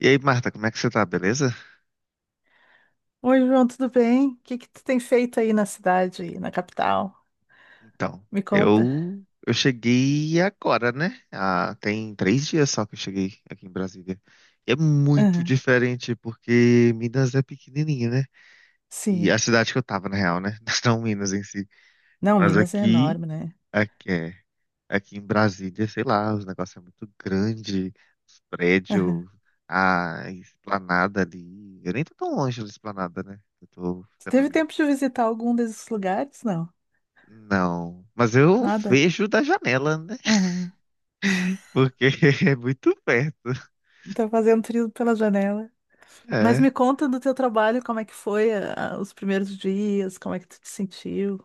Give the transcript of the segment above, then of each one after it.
E aí, Marta, como é que você tá, beleza? Oi, João, tudo bem? O que que tu tem feito aí na cidade, na capital? Então, Me conta. eu cheguei agora, né? Ah, tem 3 dias só que eu cheguei aqui em Brasília. E é muito Aham, diferente porque Minas é pequenininha, né? E Sim. a cidade que eu tava, na real, né? Não Minas em si. Não, Mas Minas é enorme, né? aqui é, aqui em Brasília, sei lá, os negócios é muito grande, os Aham. prédios, a esplanada ali. Eu nem tô tão longe da esplanada, né? Eu tô Tu ficando teve ali. tempo de visitar algum desses lugares? Não? Não, mas eu Nada? vejo da janela, né? Aham. Porque é muito perto. Tá fazendo trilho pela janela. Mas me É. conta do teu trabalho, como é que foi os primeiros dias, como é que tu te sentiu?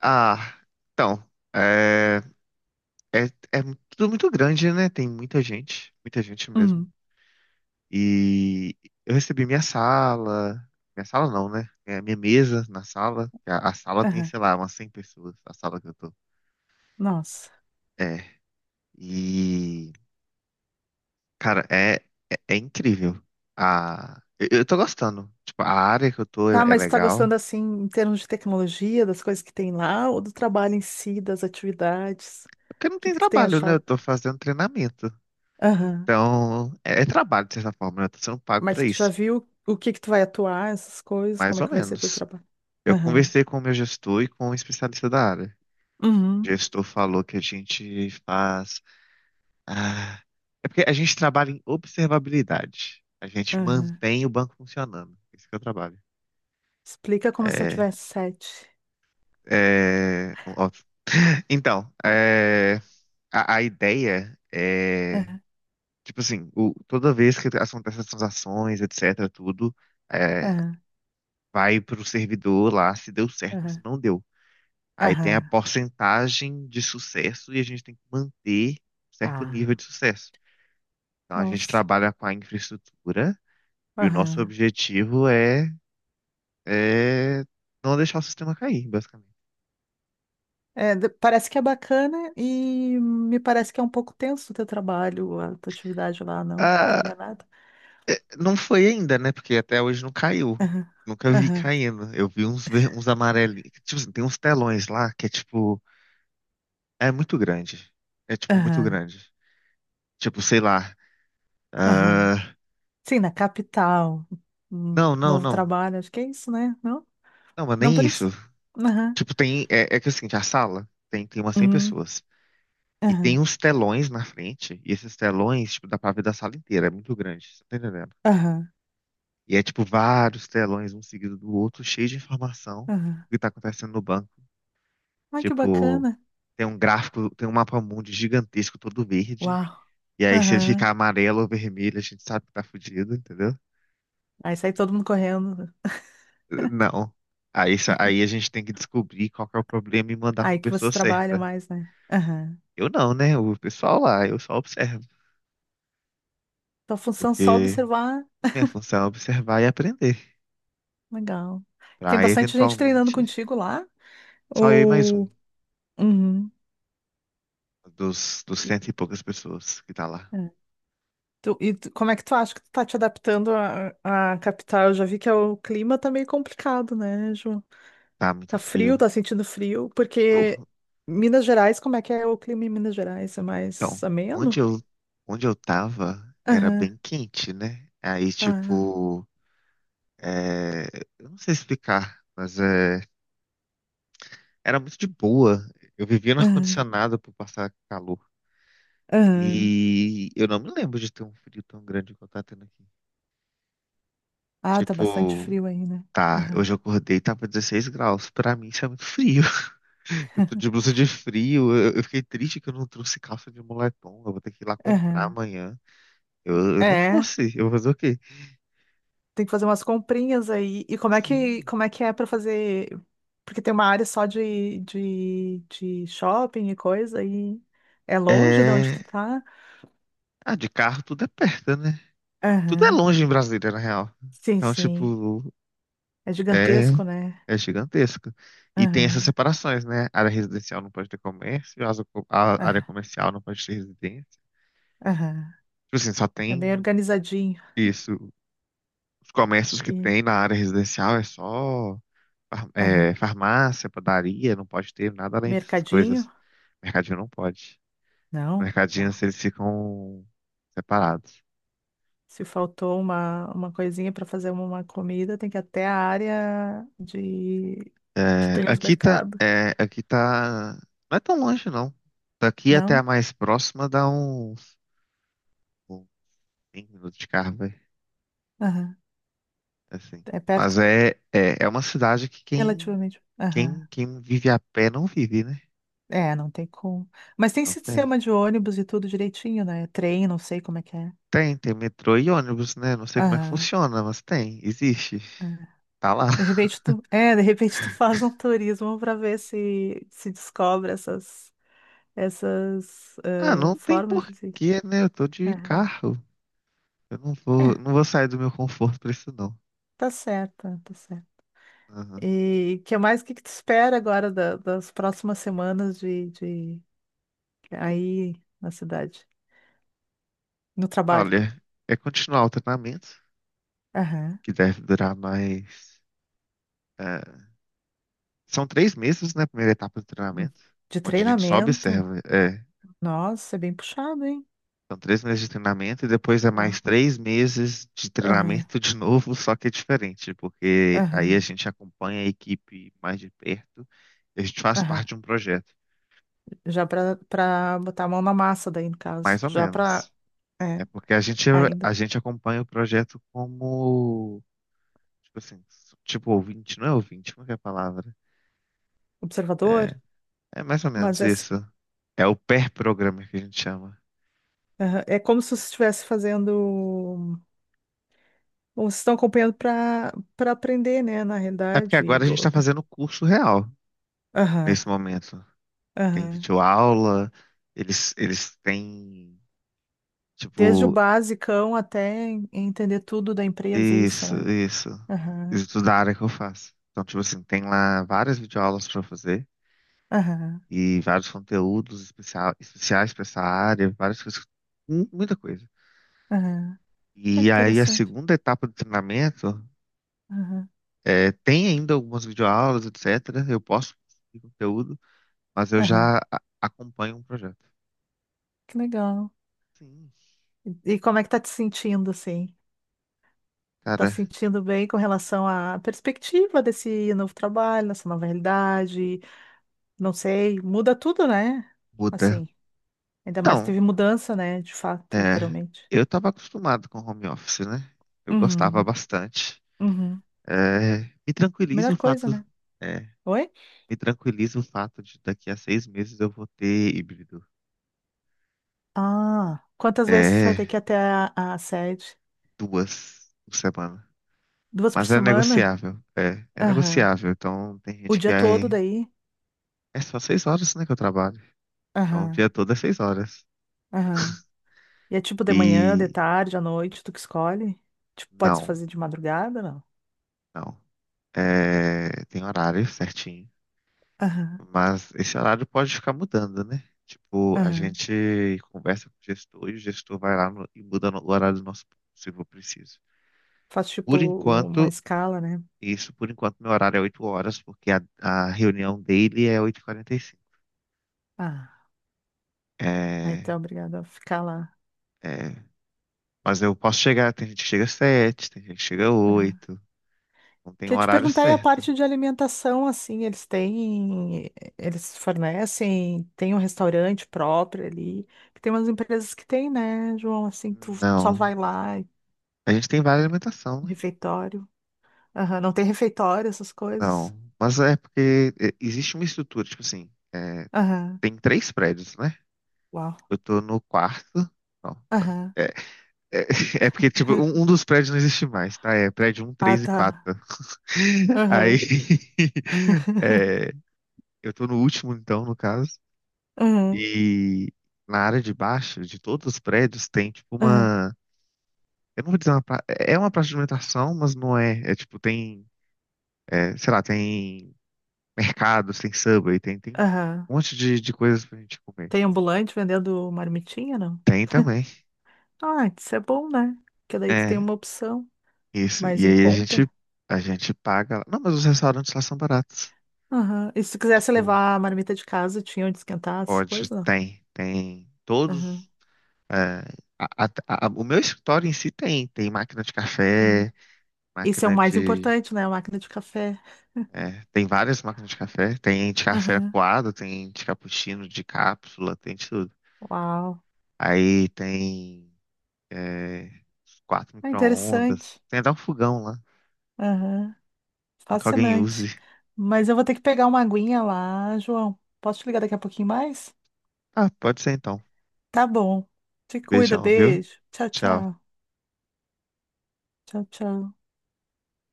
Ah, então, é, é, é tudo muito grande, né? Tem muita gente mesmo. Hum. E eu recebi minha sala não, né? É minha mesa na sala. A sala tem, Aham. sei lá, umas 100 pessoas, a sala que eu tô. Nossa. É, e, cara, é incrível. Eu tô gostando. Tipo, a área que eu tô é Tá, é mas tu tá legal. gostando assim, em termos de tecnologia, das coisas que tem lá, ou do trabalho em si, das atividades? O Porque não que tem que tu tem trabalho, né? Eu achado? tô fazendo treinamento. Aham. Então, é trabalho, de certa forma, né? Eu tô sendo pago Mas pra tu já isso. viu o que que tu vai atuar, essas coisas, Mais como é ou que vai ser teu menos. trabalho? Eu Aham. conversei com o meu gestor e com um especialista da área. O Uhum. gestor falou que a gente faz. Ah, é porque a gente trabalha em observabilidade. A gente Aham. mantém o banco funcionando. É isso que eu trabalho. Explica como se eu É. tivesse sete. É. Óbvio. Então, a ideia é. Aham. Tipo assim, toda vez que acontece as transações, etc, tudo, é, Aham. vai pro servidor lá se deu certo ou se Aham. não deu. Aí tem a Aham. porcentagem de sucesso e a gente tem que manter um certo nível Ah, de sucesso. Então a gente nossa. trabalha com a infraestrutura e o nosso Aham. objetivo é, é não deixar o sistema cair, basicamente. É, parece que é bacana e me parece que é um pouco tenso o teu trabalho, a tua atividade lá, não? Tô Ah, enganada? não foi ainda, né? Porque até hoje não caiu. Aham. Nunca vi Aham. caindo. Eu vi uns amarelinhos. Tipo assim, tem uns telões lá que é tipo. É muito grande. É, tipo, muito Aham. grande. Tipo, sei lá. ah, Aham. Sim, na capital. Um Não, não, novo não. trabalho, acho que é isso, né? Não? Não, mas Não nem por isso. isso? Tipo, tem. É que é o seguinte: a sala tem umas 100 Uhum. pessoas. E tem Aham. uns telões na frente. E esses telões, tipo, dá pra ver da sala inteira. É muito grande. Você tá entendendo? Aham. E é, tipo, vários telões, um seguido do outro, cheio de informação Aham. do que tá acontecendo no banco. Ai, que Tipo, bacana. tem um gráfico, tem um mapa mundi gigantesco, todo verde. Uau. E aí, se ele Aham. ficar amarelo ou vermelho, a gente sabe que tá fudido, entendeu? Aí sai todo mundo correndo. Não. Aí, aí a gente tem que descobrir qual que é o problema e mandar para Aí a que pessoa vocês trabalham certa. mais, né? Aham. Eu não, né? O pessoal lá, eu só observo. Tua função é só Porque observar. minha função é observar e aprender. Legal. Tem Para bastante gente treinando eventualmente, contigo lá? só eu e mais um Ou... Uhum. dos cento e poucas pessoas que tá lá. É. Como é que tu acha que tu tá te adaptando à capital? Eu já vi que é o clima tá meio complicado, né, Ju? Tá muito Tá frio, frio. tá sentindo frio, Tô. porque Minas Gerais, como é que é o clima em Minas Gerais? É Então, mais onde ameno? eu, onde eu tava era bem quente, né? Aí, Ah, tipo, é, eu não sei explicar, mas era muito de boa. Eu vivia no aham, ar-condicionado por passar calor. aham. E eu não me lembro de ter um frio tão grande igual tá tendo aqui. Ah, tá bastante Tipo, frio aí, né? tá, Aham, hoje eu acordei e tava 16 graus. Pra mim isso é muito frio. Eu tô de blusa de frio. Eu fiquei triste que eu não trouxe calça de moletom. Eu vou ter que ir lá comprar aham. amanhã. Eu não É, trouxe. Eu vou fazer o quê? tem que fazer umas comprinhas aí. E como é que, Sim. como é que é pra fazer? Porque tem uma área só de shopping e coisa, e é longe de onde tu É. tá? Ah, de carro tudo é perto, né? Tudo é Aham. longe em Brasília, na real. Sim, Então, sim. tipo, É é. gigantesco, né? É gigantesca. E tem essas Aham, separações, né? Área residencial não pode ter comércio, a área aham, comercial não pode ter residência. aham. Tipo assim, só É bem tem organizadinho. isso. Os comércios que E, tem na área residencial é só aham. farmácia, padaria, não pode ter nada além dessas coisas. Mercadinho? Mercadinho não pode. Não. Mercadinhos, eles ficam separados. Se faltou uma coisinha para fazer uma comida, tem que ir até a área de que É, tem os aqui tá, mercados. é, aqui tá, não é tão longe, não. Daqui até a Não? mais próxima dá uns 5 minutos de carro, vai. Aham. Assim. É perto? Mas é uma cidade que quem, Relativamente. Aham. quem, quem vive a pé não vive, né? É, não tem como. Mas tem Não tem. sistema de ônibus e tudo direitinho, né? Trem, não sei como é que é. Tem metrô e ônibus, né? Não sei como é que Aham. funciona, mas tem, existe. É. Tá lá. De repente tu, é, de repente tu faz um turismo para ver se se descobre essas essas Ah, eh, não tem formas de se. porquê, né? Eu tô de Aham. carro. Eu não vou, É, não vou sair do meu conforto pra isso, não. tá certo, tá certo. Aham. E que mais, o que que tu espera agora das próximas semanas de aí na cidade, no trabalho? Olha, é continuar o treinamento, Aham. que deve durar mais. eh, são 3 meses, né? A primeira etapa do Hum. treinamento, De onde a gente só treinamento? observa. Nossa, é bem puxado, hein? São 3 meses de treinamento e depois é Ó. mais 3 meses de Aham, treinamento de novo, só que é diferente, porque aí a aham, gente acompanha a equipe mais de perto e a gente faz aham. parte de um projeto, Já para botar a mão na massa daí, no caso. mais ou Já para, menos. É é, porque a gente, a ainda, gente acompanha o projeto como, tipo assim, tipo ouvinte, não é ouvinte, como é que é a palavra? É, observador. é mais ou Mas menos é, isso. É o pair programmer que a gente chama. aham, é como se você estivesse fazendo, ou vocês estão acompanhando para aprender, né, na É porque realidade. Agora a gente está fazendo o curso real Aham, nesse momento. Tem aham. videoaula, eles têm, Desde o tipo, basicão até entender tudo da empresa, isso, isso, né? isso. Aham, Isso tudo da área que eu faço. Então, tipo assim, tem lá várias videoaulas para fazer aham, e vários conteúdos especial, especiais para essa área, várias coisas, muita coisa. aham. Ah, que E aí a interessante. segunda etapa do treinamento Aham, tem ainda algumas videoaulas, etc. Eu posso produzir conteúdo, mas eu aham. já acompanho um projeto. Que legal. Sim, E como é que tá te sentindo, assim? Tá se cara, sentindo bem com relação à perspectiva desse novo trabalho, dessa nova realidade? Não sei, muda tudo, né? muda. Assim, ainda mais que Então, teve mudança, né? De fato, é, literalmente. eu estava acostumado com home office, né? Eu gostava Uhum, bastante. uhum. É, me tranquiliza Melhor o coisa, fato, né? é, Oi? Me tranquiliza o fato de daqui a 6 meses eu vou ter híbrido. Ah, quantas vezes tu vai É, ter que ir até a sede? duas por semana. Duas por Mas é semana? negociável, é Aham. negociável. Então tem O gente que dia todo daí? é só 6 horas, né, que eu trabalho. Então o Aham, dia todo é 6 horas. aham. E é tipo de manhã, de E tarde, à noite, tu que escolhe? Tipo, pode não, fazer de madrugada, não? não. É, tem horário certinho. Aham, Mas esse horário pode ficar mudando, né? Tipo, a aham. gente conversa com o gestor e o gestor vai lá e muda o horário do nosso ponto, se for preciso. Faz tipo Por uma enquanto, escala, né? isso, por enquanto, meu horário é 8 horas, porque a reunião dele é 8:45. Ah, aí tu É, é obrigado a ficar lá. é, mas eu posso chegar, tem gente que chega às 7, tem gente que chega às 8, não tem um Queria te horário perguntar aí a certo. parte de alimentação, assim, eles têm, eles fornecem, tem um restaurante próprio ali, que tem umas empresas que tem, né, João, assim, tu só Não. vai lá, A gente tem várias alimentação, né? refeitório, Aham, não tem refeitório, essas coisas, Não. Mas é porque existe uma estrutura, tipo assim, aham, tem três prédios, né? Uau, Eu tô no quarto. Não. aham, É, é, é porque, tipo, um dos prédios não existe mais, tá? É prédio um, Ah, três e tá, 4. Aí. aham, é, eu tô no último, então, no caso. aham, E na área de baixo, de todos os prédios, tem, tipo, aham, uma. Eu não vou dizer uma. É uma praça de alimentação, mas não é. É, tipo, tem. Sei lá, tem mercados, tem Subway, tem aham, um monte de coisas pra gente comer. tem ambulante vendendo marmitinha, não? Tem também. Ah, isso é bom, né, porque daí tu tem É. uma opção Isso. mais E em aí a gente, conta. a gente paga lá. Não, mas os restaurantes lá são baratos. Aham. E se quisesse Tipo, levar a marmita de casa, tinha onde esquentar as pode, coisas? Não? tem Aham. todos. é, o meu escritório em si tem, máquina de café, É. Isso é o máquina mais de, importante, né? A máquina de café. Tem várias máquinas de café, tem de café Aham. coado, tem de cappuccino, de cápsula, tem de tudo. Uau. Aí tem, é, quatro É micro-ondas, interessante. tem até um fogão lá, Aham. não que alguém use. Fascinante. Mas eu vou ter que pegar uma aguinha lá, João. Posso te ligar daqui a pouquinho mais? Ah, pode ser então. Tá bom. Te cuida, Beijão, viu? beijo. Tchau, Tchau. tchau. Tchau, tchau.